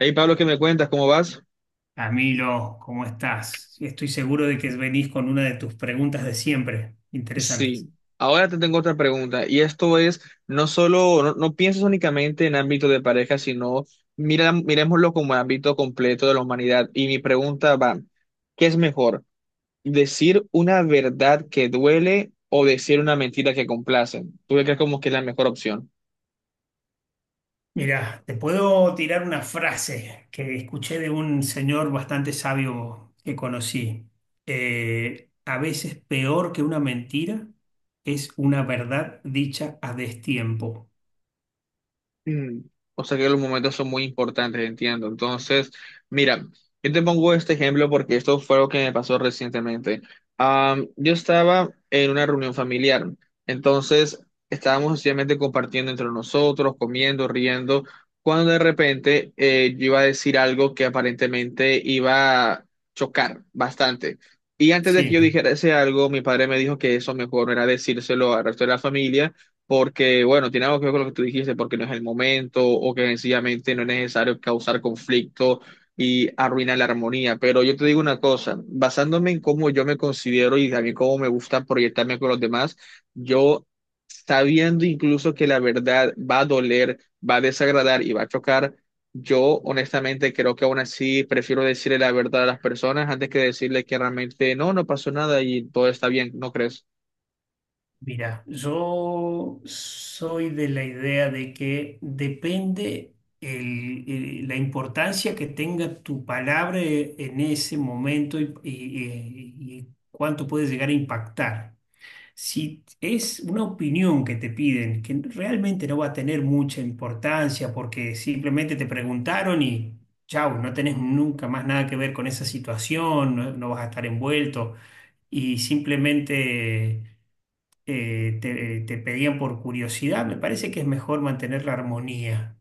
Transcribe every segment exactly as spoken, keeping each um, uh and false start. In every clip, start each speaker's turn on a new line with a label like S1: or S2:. S1: Hey Pablo, ¿qué me cuentas? ¿Cómo vas?
S2: Camilo, ¿cómo estás? Sí, estoy seguro de que venís con una de tus preguntas de siempre,
S1: Sí.
S2: interesantes.
S1: Ahora te tengo otra pregunta y esto es, no solo, no, no pienses únicamente en ámbito de pareja, sino mira, miremoslo como ámbito completo de la humanidad. Y mi pregunta va, ¿qué es mejor? ¿Decir una verdad que duele o decir una mentira que complace? ¿Tú qué crees como que es la mejor opción?
S2: Mira, te puedo tirar una frase que escuché de un señor bastante sabio que conocí. Eh, a veces peor que una mentira es una verdad dicha a destiempo.
S1: Mm, O sea que los momentos son muy importantes, entiendo. Entonces, mira, yo te pongo este ejemplo porque esto fue lo que me pasó recientemente. Am, yo estaba en una reunión familiar, entonces estábamos sencillamente compartiendo entre nosotros, comiendo, riendo, cuando de repente eh, yo iba a decir algo que aparentemente iba a chocar bastante. Y antes de que yo
S2: Sí.
S1: dijera ese algo, mi padre me dijo que eso mejor no era decírselo al resto de la familia porque, bueno, tiene algo que ver con lo que tú dijiste, porque no es el momento o que sencillamente no es necesario causar conflicto y arruinar la armonía. Pero yo te digo una cosa, basándome en cómo yo me considero y también cómo me gusta proyectarme con los demás, yo sabiendo incluso que la verdad va a doler, va a desagradar y va a chocar. Yo honestamente creo que aún así prefiero decirle la verdad a las personas antes que decirle que realmente no, no pasó nada y todo está bien, ¿no crees?
S2: Mira, yo soy de la idea de que depende el- el- la importancia que tenga tu palabra en ese momento y, y- y cuánto puede llegar a impactar. Si es una opinión que te piden, que realmente no va a tener mucha importancia porque simplemente te preguntaron y chau, no tenés nunca más nada que ver con esa situación, no no vas a estar envuelto y simplemente eh, te, te pedían por curiosidad, me parece que es mejor mantener la armonía,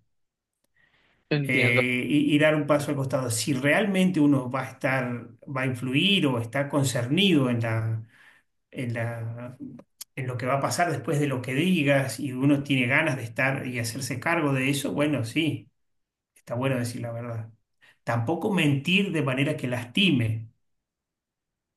S1: Entiendo.
S2: eh, y, y dar un paso al costado. Si realmente uno va a estar, va a influir o está concernido en la, en la, en lo que va a pasar después de lo que digas y uno tiene ganas de estar y hacerse cargo de eso, bueno, sí, está bueno decir la verdad. Tampoco mentir de manera que lastime.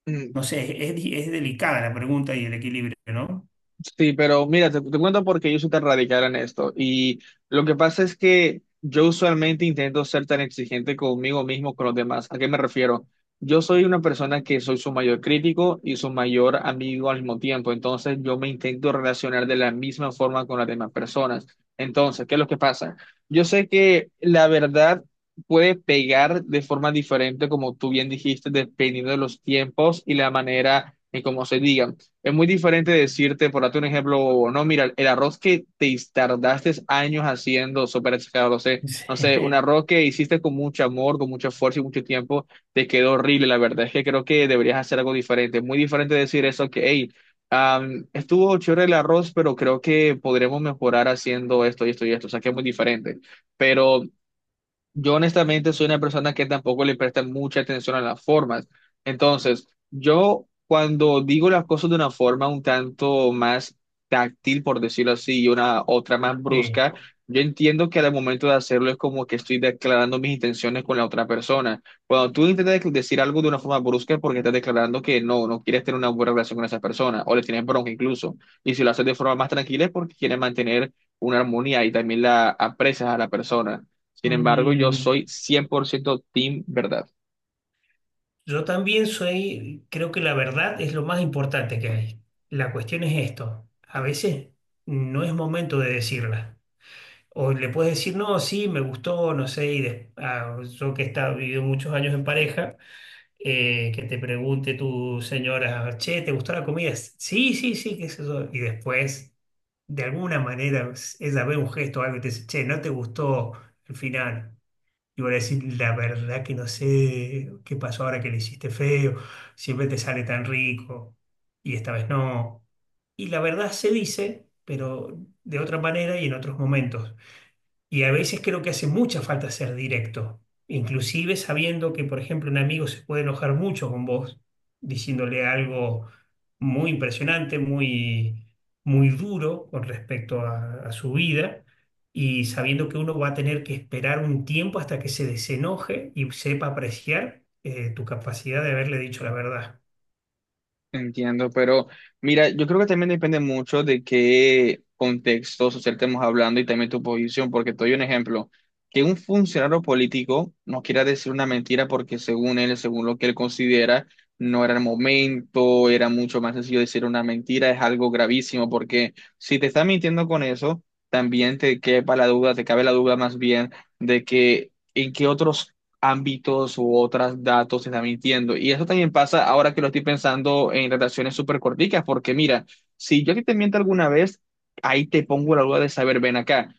S1: Mm.
S2: No sé, es, es delicada la pregunta y el equilibrio, ¿no?
S1: Sí, pero mira, te, te cuento porque yo soy tan radical en esto. Y lo que pasa es que yo usualmente intento ser tan exigente conmigo mismo, con los demás. ¿A qué me refiero? Yo soy una persona que soy su mayor crítico y su mayor amigo al mismo tiempo. Entonces, yo me intento relacionar de la misma forma con las demás personas. Entonces, ¿qué es lo que pasa? Yo sé que la verdad puede pegar de forma diferente, como tú bien dijiste, dependiendo de los tiempos y la manera en cómo se diga. Es muy diferente decirte, por darte un ejemplo, no, mira, el arroz que te tardaste años haciendo, súper exagerado, no sé, no sé, un
S2: Sí.
S1: arroz que hiciste con mucho amor, con mucho esfuerzo y mucho tiempo, te quedó horrible. La verdad es que creo que deberías hacer algo diferente. Es muy diferente decir eso que, hey, am, estuvo chévere el arroz, pero creo que podremos mejorar haciendo esto y esto y esto. O sea, que es muy diferente. Pero yo honestamente soy una persona que tampoco le presta mucha atención a las formas. Entonces, yo cuando digo las cosas de una forma un tanto más táctil, por decirlo así, y una otra más
S2: Sí.
S1: brusca, yo entiendo que al momento de hacerlo es como que estoy declarando mis intenciones con la otra persona. Cuando tú intentas dec- decir algo de una forma brusca es porque estás declarando que no, no quieres tener una buena relación con esa persona o le tienes bronca incluso. Y si lo haces de forma más tranquila es porque quieres mantener una armonía y también la aprecias a la persona. Sin embargo, yo
S2: Mm,
S1: soy cien por ciento team verdad.
S2: yo también soy, creo que la verdad es lo más importante que hay. La cuestión es esto. A veces no es momento de decirla. O le puedes decir, no, sí, me gustó, no sé, y des- ah, yo que he estado, vivido muchos años en pareja, eh, que te pregunte tu señora, che, ¿te gustó la comida? Sí, sí, sí, qué sé yo. Y después, de alguna manera, ella ve un gesto o algo y te dice, che, no te gustó al final. Y voy a decir, la verdad que no sé qué pasó ahora que le hiciste feo, siempre te sale tan rico y esta vez no. Y la verdad se dice, pero de otra manera y en otros momentos. Y a veces creo que hace mucha falta ser directo, inclusive sabiendo que, por ejemplo, un amigo se puede enojar mucho con vos, diciéndole algo muy impresionante, muy, muy duro con respecto a, a su vida, y sabiendo que uno va a tener que esperar un tiempo hasta que se desenoje y sepa apreciar eh, tu capacidad de haberle dicho la verdad.
S1: Entiendo, pero mira, yo creo que también depende mucho de qué contexto social estemos hablando y también tu posición, porque te doy un ejemplo. Que un funcionario político no quiera decir una mentira porque según él, según lo que él considera, no era el momento, era mucho más sencillo decir una mentira, es algo gravísimo, porque si te está mintiendo con eso, también te quepa la duda, te cabe la duda más bien de que en qué otros ámbitos u otros datos se está mintiendo. Y eso también pasa ahora que lo estoy pensando en relaciones súper corticas, porque mira, si yo a ti te miento alguna vez, ahí te pongo la duda de saber, ven acá,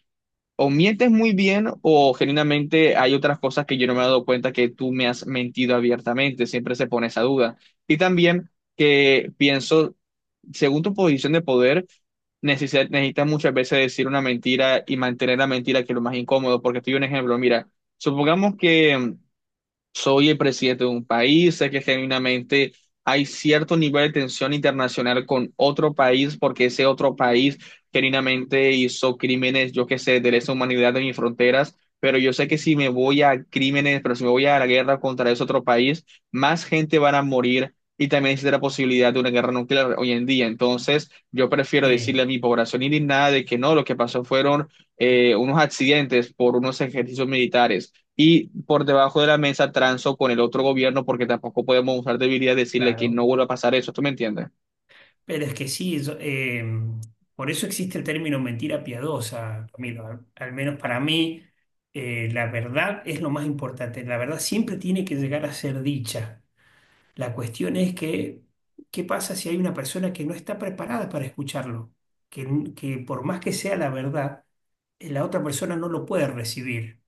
S1: o mientes muy bien o genuinamente hay otras cosas que yo no me he dado cuenta que tú me has mentido abiertamente, siempre se pone esa duda. Y también que pienso, según tu posición de poder, necesi- necesitas muchas veces decir una mentira y mantener la mentira, que es lo más incómodo, porque te doy un ejemplo, mira, supongamos que soy el presidente de un país, sé que genuinamente hay cierto nivel de tensión internacional con otro país porque ese otro país genuinamente hizo crímenes, yo qué sé, de lesa humanidad en mis fronteras, pero yo sé que si me voy a crímenes, pero si me voy a la guerra contra ese otro país, más gente van a morir. Y también existe la posibilidad de una guerra nuclear hoy en día. Entonces, yo prefiero
S2: Sí,
S1: decirle a mi población indignada de que no, lo que pasó fueron eh, unos accidentes por unos ejercicios militares y por debajo de la mesa transo con el otro gobierno porque tampoco podemos usar debilidad y decirle que
S2: claro.
S1: no vuelva a pasar eso. ¿Tú me entiendes?
S2: Pero es que sí, yo- eh, por eso existe el término mentira piadosa, Camilo. Al, al menos para mí, eh, la verdad es lo más importante. La verdad siempre tiene que llegar a ser dicha. La cuestión es que, ¿qué pasa si hay una persona que no está preparada para escucharlo? Que, n- que por más que sea la verdad, eh, la otra persona no lo puede recibir.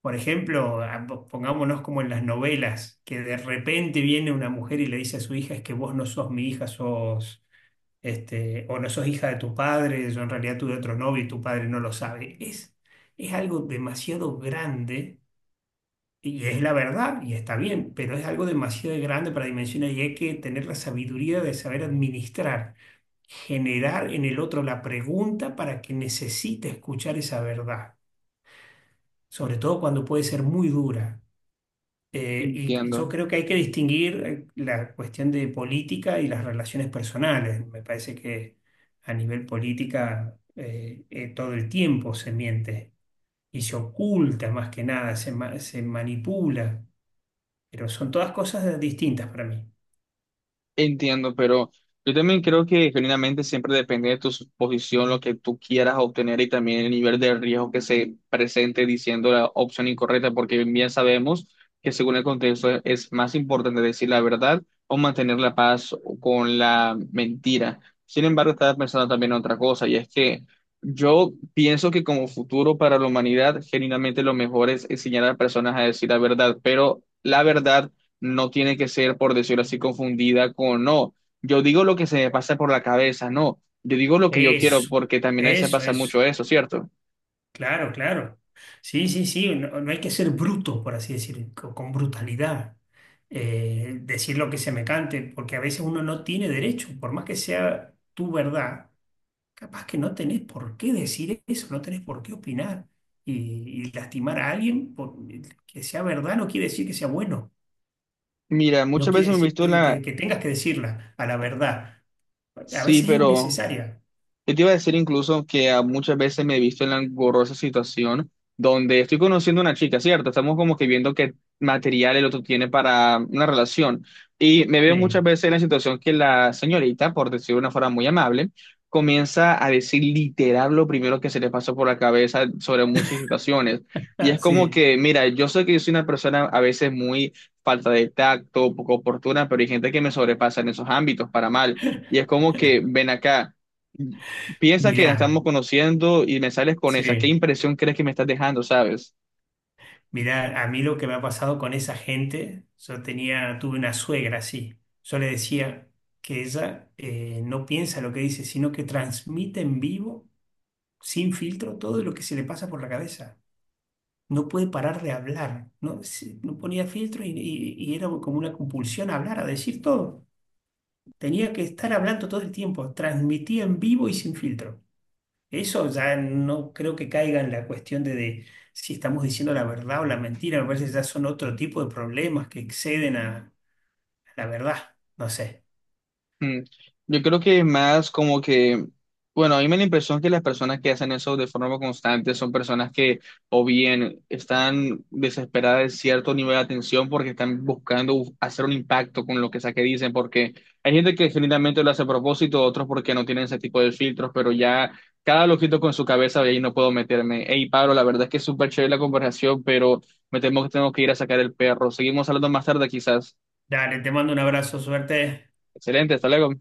S2: Por ejemplo, a- po- pongámonos como en las novelas, que de repente viene una mujer y le dice a su hija, es que vos no sos mi hija, sos este, o no sos hija de tu padre, yo en realidad tuve otro novio y tu padre no lo sabe. Es, es algo demasiado grande y es la verdad y está bien, pero es algo demasiado grande para dimensionar y hay que tener la sabiduría de saber administrar, generar en el otro la pregunta para que necesite escuchar esa verdad, sobre todo cuando puede ser muy dura. Eh, y yo
S1: Entiendo.
S2: creo que hay que distinguir eh, la cuestión de política y las relaciones personales. Me parece que a nivel política eh, eh, todo el tiempo se miente y se oculta, más que nada se, ma- se manipula, pero son todas cosas distintas para mí.
S1: Entiendo, pero yo también creo que genuinamente siempre depende de tu posición, lo que tú quieras obtener y también el nivel de riesgo que se presente diciendo la opción incorrecta, porque bien sabemos que según el contexto es, es más importante decir la verdad o mantener la paz con la mentira. Sin embargo, estaba pensando también en otra cosa, y es que yo pienso que como futuro para la humanidad, genuinamente lo mejor es enseñar a las personas a decir la verdad, pero la verdad no tiene que ser, por decirlo así, confundida con no. Yo digo lo que se me pasa por la cabeza, no. Yo digo lo que yo quiero,
S2: Eso,
S1: porque también a veces
S2: eso,
S1: pasa
S2: eso.
S1: mucho eso, ¿cierto?
S2: Claro, claro. Sí, sí, sí, no, no hay que ser bruto, por así decir, co- con brutalidad. Eh, decir lo que se me cante, porque a veces uno no tiene derecho, por más que sea tu verdad, capaz que no tenés por qué decir eso, no tenés por qué opinar y, y lastimar a alguien por- que sea verdad no quiere decir que sea bueno,
S1: Mira,
S2: no
S1: muchas veces
S2: quiere
S1: me he
S2: decir
S1: visto
S2: que,
S1: la...
S2: que- que tengas que decirla a la verdad. A
S1: Sí,
S2: veces es
S1: pero
S2: innecesaria.
S1: yo te iba a decir incluso que ah, muchas veces me he visto en la engorrosa situación donde estoy conociendo a una chica, ¿cierto? Estamos como que viendo qué material el otro tiene para una relación. Y me veo muchas
S2: Sí,
S1: veces en la situación que la señorita, por decirlo de una forma muy amable, comienza a decir literal lo primero que se le pasó por la cabeza sobre muchas situaciones. Y es
S2: ah,
S1: como
S2: sí,
S1: que, mira, yo sé que yo soy una persona a veces muy falta de tacto, poco oportuna, pero hay gente que me sobrepasa en esos ámbitos para mal. Y es como que, ven acá, piensa que nos estamos
S2: mirá,
S1: conociendo y me sales con esa. ¿Qué
S2: sí.
S1: impresión crees que me estás dejando, sabes?
S2: Mirá, a mí lo que me ha pasado con esa gente, yo tenía, tuve una suegra así. Yo le decía que ella eh, no piensa lo que dice, sino que transmite en vivo, sin filtro, todo lo que se le pasa por la cabeza. No puede parar de hablar, no, Se- no ponía filtro y, y- y era como una compulsión a hablar, a decir todo. Tenía que estar hablando todo el tiempo, transmitía en vivo y sin filtro. Eso ya no creo que caiga en la cuestión de, de si estamos diciendo la verdad o la mentira. Me parece que ya son otro tipo de problemas que exceden a, a la verdad. No sé.
S1: Mm. Yo creo que más como que, bueno, a mí me da la impresión que las personas que hacen eso de forma constante son personas que o bien están desesperadas de cierto nivel de atención porque están buscando hacer un impacto con lo que sea que dicen, porque hay gente que genuinamente lo hace a propósito, otros porque no tienen ese tipo de filtros, pero ya cada loquito con su cabeza, ahí no puedo meterme. Hey, Pablo, la verdad es que es súper chévere la conversación, pero me temo que tengo que ir a sacar el perro. Seguimos hablando más tarde quizás.
S2: Dale, te mando un abrazo, suerte.
S1: Excelente, hasta luego.